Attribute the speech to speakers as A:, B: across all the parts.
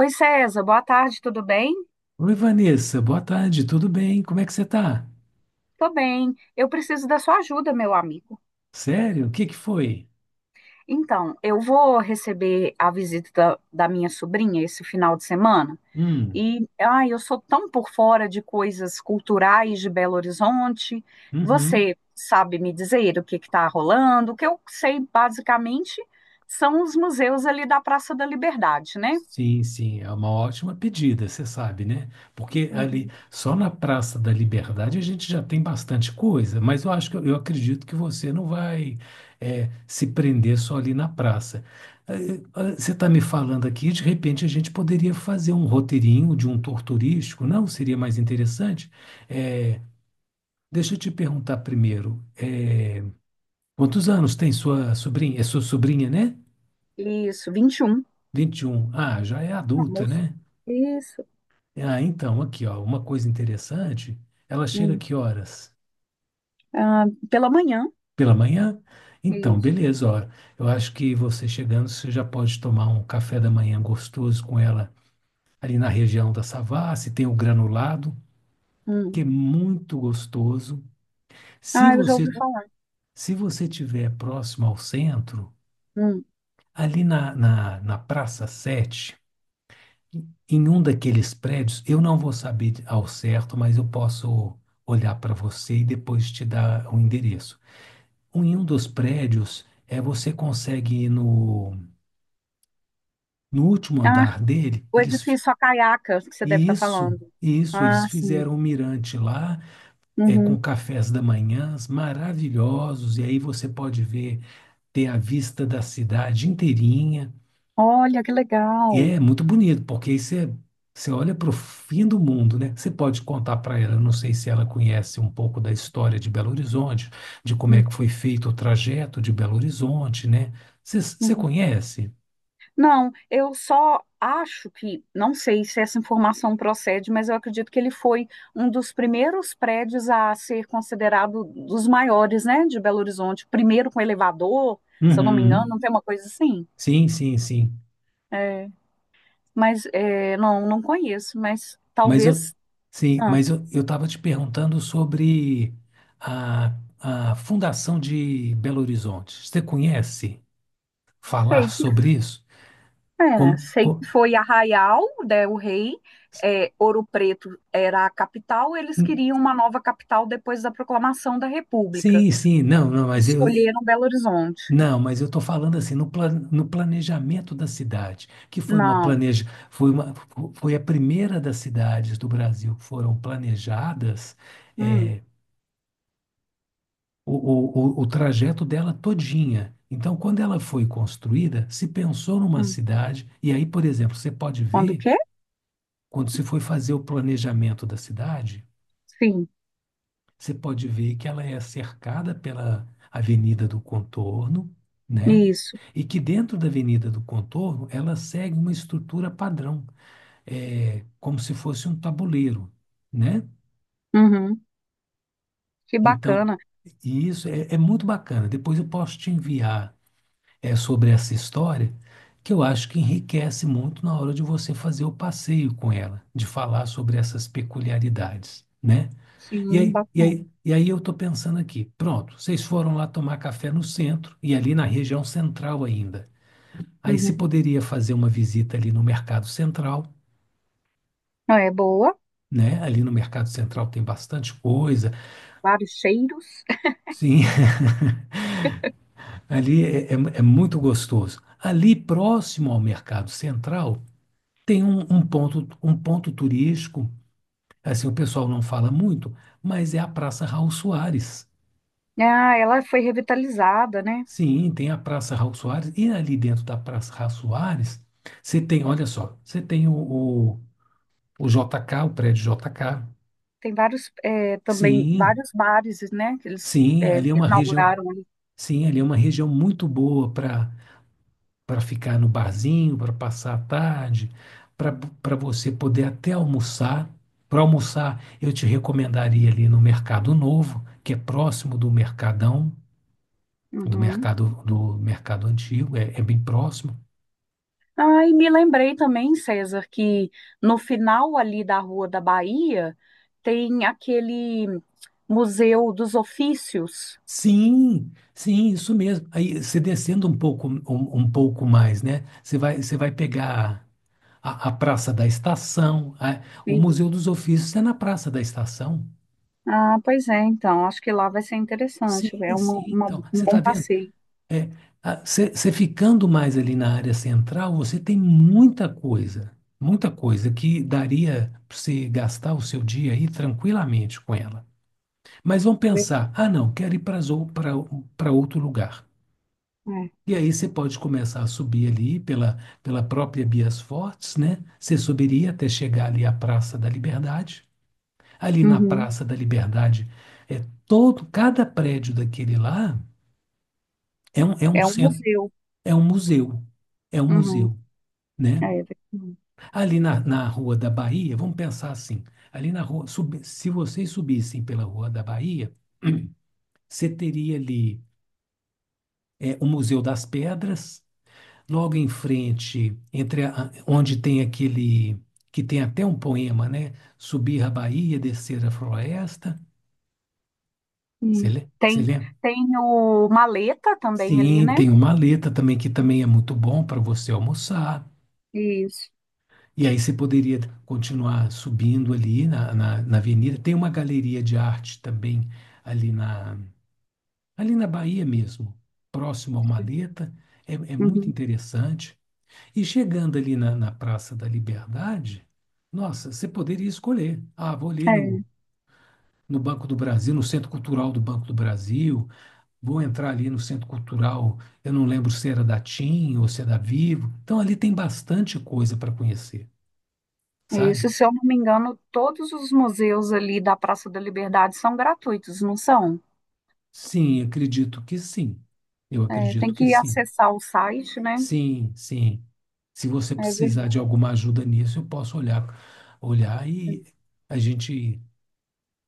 A: Oi, César, boa tarde, tudo bem?
B: Oi, Vanessa, boa tarde, tudo bem? Como é que você tá?
A: Tô bem. Eu preciso da sua ajuda, meu amigo.
B: Sério? O que que foi?
A: Então, eu vou receber a visita da minha sobrinha esse final de semana.
B: Hum,
A: E, ai, eu sou tão por fora de coisas culturais de Belo Horizonte.
B: uhum.
A: Você sabe me dizer o que está rolando? O que eu sei, basicamente, são os museus ali da Praça da Liberdade, né?
B: Sim, sim, é uma ótima pedida, você sabe, né? Porque ali,
A: Uhum.
B: só na Praça da Liberdade a gente já tem bastante coisa, mas eu acho que eu acredito que você não vai se prender só ali na praça. Você está me falando aqui, de repente a gente poderia fazer um roteirinho de um tour turístico, não? Seria mais interessante? Eh, Deixa eu te perguntar primeiro. Quantos anos tem sua sobrinha? É sua sobrinha, né?
A: Isso, 21.
B: 21. Ah, já é adulta,
A: Almoço.
B: né?
A: Isso.
B: Ah, então, aqui, ó, uma coisa interessante. Ela chega
A: Hum.
B: que horas?
A: Ah, pela manhã.
B: Pela manhã? Então,
A: Isso.
B: beleza, ó. Eu acho que você chegando, você já pode tomar um café da manhã gostoso com ela ali na região da Savassi, tem o granulado, que
A: Hum.
B: é muito gostoso. Se
A: Ah, eu já ouvi
B: você
A: falar.
B: se você tiver próximo ao centro,
A: Hum.
B: ali na Praça Sete. Em um daqueles prédios, eu não vou saber ao certo, mas eu posso olhar para você e depois te dar o endereço. Em um dos prédios, você consegue ir no último
A: Ah,
B: andar dele,
A: o edifício Acaiaca, que você deve
B: e
A: estar
B: isso,
A: falando.
B: e isso, eles
A: Ah, sim.
B: fizeram um mirante lá,
A: Uhum.
B: com cafés da manhã maravilhosos, e aí você pode ver, ter a vista da cidade inteirinha.
A: Olha, que
B: E
A: legal.
B: é muito bonito, porque aí você olha para o fim do mundo, né? Você pode contar para ela, eu não sei se ela conhece um pouco da história de Belo Horizonte, de como é
A: Hum,
B: que foi feito o trajeto de Belo Horizonte, né? Você
A: uhum.
B: conhece?
A: Não, eu só acho que, não sei se essa informação procede, mas eu acredito que ele foi um dos primeiros prédios a ser considerado dos maiores, né, de Belo Horizonte. Primeiro com elevador, se eu não me engano,
B: Uhum.
A: não tem uma coisa assim?
B: Sim, sim, sim.
A: É, mas não, não conheço, mas
B: Mas eu,
A: talvez.
B: sim,
A: Ah,
B: mas eu estava te perguntando sobre a fundação de Belo Horizonte. Você conhece falar
A: sei que
B: sobre isso? Como,
A: Sei
B: co-
A: que foi Arraial, né, o rei, é, Ouro Preto era a capital, eles queriam uma nova capital depois da proclamação da República.
B: Sim, sim, não, não,
A: Escolheram Belo Horizonte.
B: Não, mas eu estou falando assim, no planejamento da cidade, que foi uma
A: Não.
B: planeja, foi uma, fo- foi a primeira das cidades do Brasil que foram planejadas.
A: Hum,
B: Eh, o, o, o o trajeto dela todinha. Então, quando ela foi construída, se pensou numa
A: hum.
B: cidade, e aí, por exemplo, você pode
A: Quando o
B: ver,
A: quê?
B: quando se foi fazer o planejamento da cidade,
A: Sim,
B: você pode ver que ela é cercada pela Avenida do Contorno, né?
A: isso.
B: E que dentro da Avenida do Contorno ela segue uma estrutura padrão, como se fosse um tabuleiro, né?
A: Uhum. Que
B: Então,
A: bacana.
B: e isso é muito bacana. Depois eu posso te enviar sobre essa história, que eu acho que enriquece muito na hora de você fazer o passeio com ela, de falar sobre essas peculiaridades, né? E
A: Sim,
B: aí, e
A: bacana.
B: aí, e aí eu estou pensando aqui, pronto, vocês foram lá tomar café no centro e ali na região central ainda. Aí se
A: Uhum.
B: poderia fazer uma visita ali no Mercado Central,
A: Não, é boa,
B: né? Ali no Mercado Central tem bastante coisa.
A: vários cheiros.
B: Sim, ali é muito gostoso. Ali próximo ao Mercado Central tem um ponto turístico, assim, o pessoal não fala muito, mas é a Praça Raul Soares.
A: Ah, ela foi revitalizada, né?
B: Sim, tem a Praça Raul Soares, e ali dentro da Praça Raul Soares, você tem, olha só, você tem o JK, o prédio JK.
A: Tem vários, também,
B: Sim,
A: vários bares, né, que
B: sim, ali é uma região,
A: inauguraram ali.
B: sim, ali é uma região muito boa para para ficar no barzinho, para passar a tarde, para para você poder até almoçar. Para almoçar, eu te recomendaria ali no Mercado Novo, que é próximo do Mercadão, do
A: Uhum.
B: mercado do mercado antigo, é bem próximo.
A: Ah, e me lembrei também, César, que no final ali da Rua da Bahia tem aquele Museu dos Ofícios.
B: Sim, sim, isso mesmo. Aí você descendo um pouco, um pouco mais, né? Você vai pegar a Praça da Estação. O
A: E-
B: Museu dos Ofícios é na Praça da Estação.
A: Ah, pois é, então, acho que lá vai ser interessante, é
B: Sim, sim. Então,
A: um
B: você
A: bom
B: está vendo?
A: passeio.
B: É, você ficando mais ali na área central, você tem muita coisa que daria para você gastar o seu dia aí tranquilamente com ela. Mas vamos
A: Ver-
B: pensar, ah, não, quero ir para outro lugar.
A: É,
B: E aí você pode começar a subir ali pela própria Bias Fortes, né? Você subiria até chegar ali à Praça da Liberdade. Ali na
A: uhum.
B: Praça da Liberdade, é todo, cada prédio daquele lá é um
A: É um
B: centro,
A: museu.
B: é um museu, é um
A: Uhum.
B: museu, né?
A: É, ver-
B: Ali na Rua da Bahia, vamos pensar assim, ali na rua, se vocês subissem pela Rua da Bahia, você teria ali o Museu das Pedras, logo em frente, entre onde tem aquele que tem até um poema, né? Subir a Bahia, descer a floresta. Você
A: e
B: lê? Você
A: tem,
B: lembra?
A: tem o Maleta também ali,
B: Sim,
A: né?
B: tem uma letra também que também é muito bom para você almoçar.
A: Isso.
B: E aí você poderia continuar subindo ali na avenida. Tem uma galeria de arte também ali na, ali na Bahia mesmo, próximo ao Maleta. É, é muito
A: Uhum.
B: interessante. E chegando ali na Praça da Liberdade, nossa, você poderia escolher. Ah, vou ali
A: É.
B: no Banco do Brasil, no Centro Cultural do Banco do Brasil, vou entrar ali no Centro Cultural, eu não lembro se era da TIM ou se é da Vivo. Então ali tem bastante coisa para conhecer,
A: É
B: sabe?
A: isso, se eu não me engano, todos os museus ali da Praça da Liberdade são gratuitos, não são?
B: Sim, acredito que sim. Eu
A: É, tem
B: acredito que
A: que
B: sim.
A: acessar o site, né?
B: Sim, sim. Se você
A: É
B: precisar de
A: verdade,
B: alguma ajuda nisso, eu posso olhar e a gente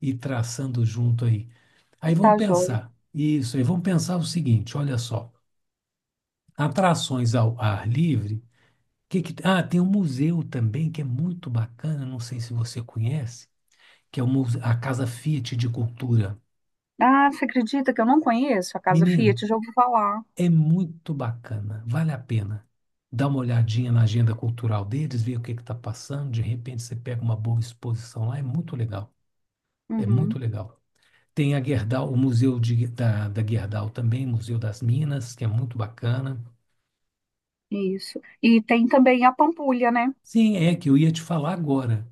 B: ir traçando junto aí. Aí vamos
A: tá joia.
B: pensar, isso, aí vamos pensar o seguinte, olha só, atrações ao ar livre, ah, tem um museu também que é muito bacana, não sei se você conhece, que é o a Casa Fiat de Cultura.
A: Ah, você acredita que eu não conheço a Casa
B: Menina,
A: Fiat? Já ouvi falar.
B: é muito bacana, vale a pena. Dá uma olhadinha na agenda cultural deles, ver o que está passando, de repente você pega uma boa exposição lá, é muito legal, é muito
A: Uhum,
B: legal. Tem a Gerdau, o Museu da Gerdau também, Museu das Minas, que é muito bacana.
A: isso. E tem também a Pampulha, né?
B: Sim, é que eu ia te falar agora.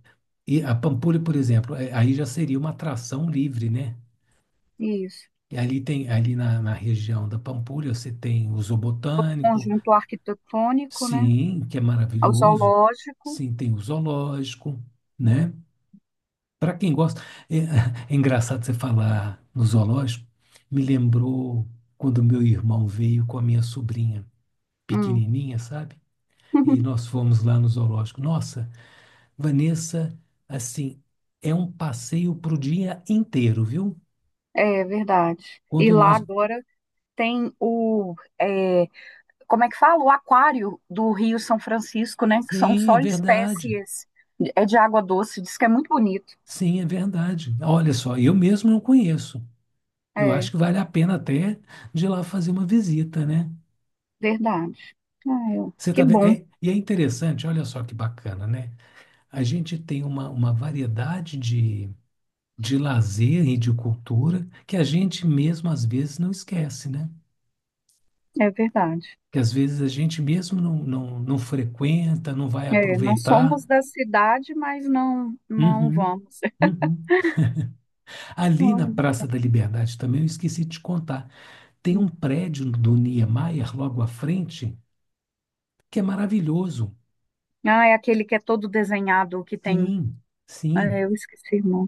B: E a Pampulha, por exemplo, aí já seria uma atração livre, né?
A: Isso.
B: E ali tem, ali na região da Pampulha, você tem o zoobotânico,
A: Conjunto arquitetônico, né?
B: sim, que é
A: O
B: maravilhoso.
A: zoológico.
B: Sim, tem o zoológico, né? Para quem gosta, é engraçado você falar no zoológico. Me lembrou quando meu irmão veio com a minha sobrinha
A: Hum.
B: pequenininha, sabe? E nós fomos lá no zoológico. Nossa, Vanessa, assim, é um passeio para o dia inteiro, viu?
A: É verdade. E
B: Quando
A: lá
B: nós.
A: agora tem o. é, como é que fala? O aquário do Rio São Francisco, né? Que são
B: Sim, é
A: só
B: verdade.
A: espécies de água doce, diz que é muito bonito.
B: Sim, é verdade. Olha só, eu mesmo não conheço. Eu acho
A: É,
B: que vale a pena até de ir lá fazer uma visita, né?
A: verdade. Ah,
B: Você
A: que
B: tá vendo?
A: bom,
B: É, e é interessante, olha só que bacana, né? A gente tem uma variedade de lazer e de cultura que a gente mesmo às vezes não esquece, né?
A: é verdade.
B: Que às vezes a gente mesmo não frequenta, não vai
A: É, não
B: aproveitar.
A: somos da cidade, mas não
B: Uhum,
A: vamos.
B: uhum. Ali na
A: Não.
B: Praça da Liberdade também, eu esqueci de te contar, tem um prédio do Niemeyer logo à frente que é maravilhoso.
A: Ah, é aquele que é todo desenhado, que tem.
B: Sim,
A: É,
B: sim.
A: eu esqueci, irmão.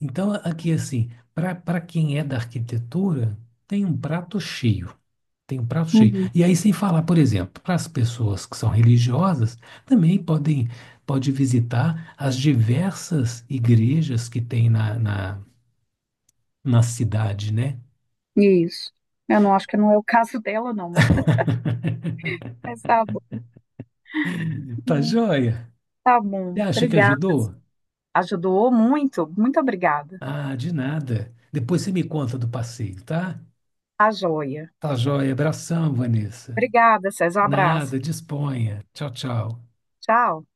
B: Então, aqui assim, para quem é da arquitetura, tem um prato cheio. Tem um prato cheio.
A: Uhum,
B: E aí, sem falar, por exemplo, para as pessoas que são religiosas, também pode visitar as diversas igrejas que tem na cidade, né?
A: isso. Eu não acho que não é o caso dela, não, mas, mas tá bom.
B: Tá
A: Hum,
B: joia?
A: Tá
B: Você
A: bom.
B: acha que
A: Obrigada.
B: ajudou?
A: Sim. Ajudou muito. Muito obrigada.
B: Ah, de nada. Depois você me conta do passeio, tá?
A: A joia.
B: Tá joia. Abração, Vanessa.
A: Obrigada, César. Um abraço.
B: Nada, disponha. Tchau, tchau.
A: Tchau.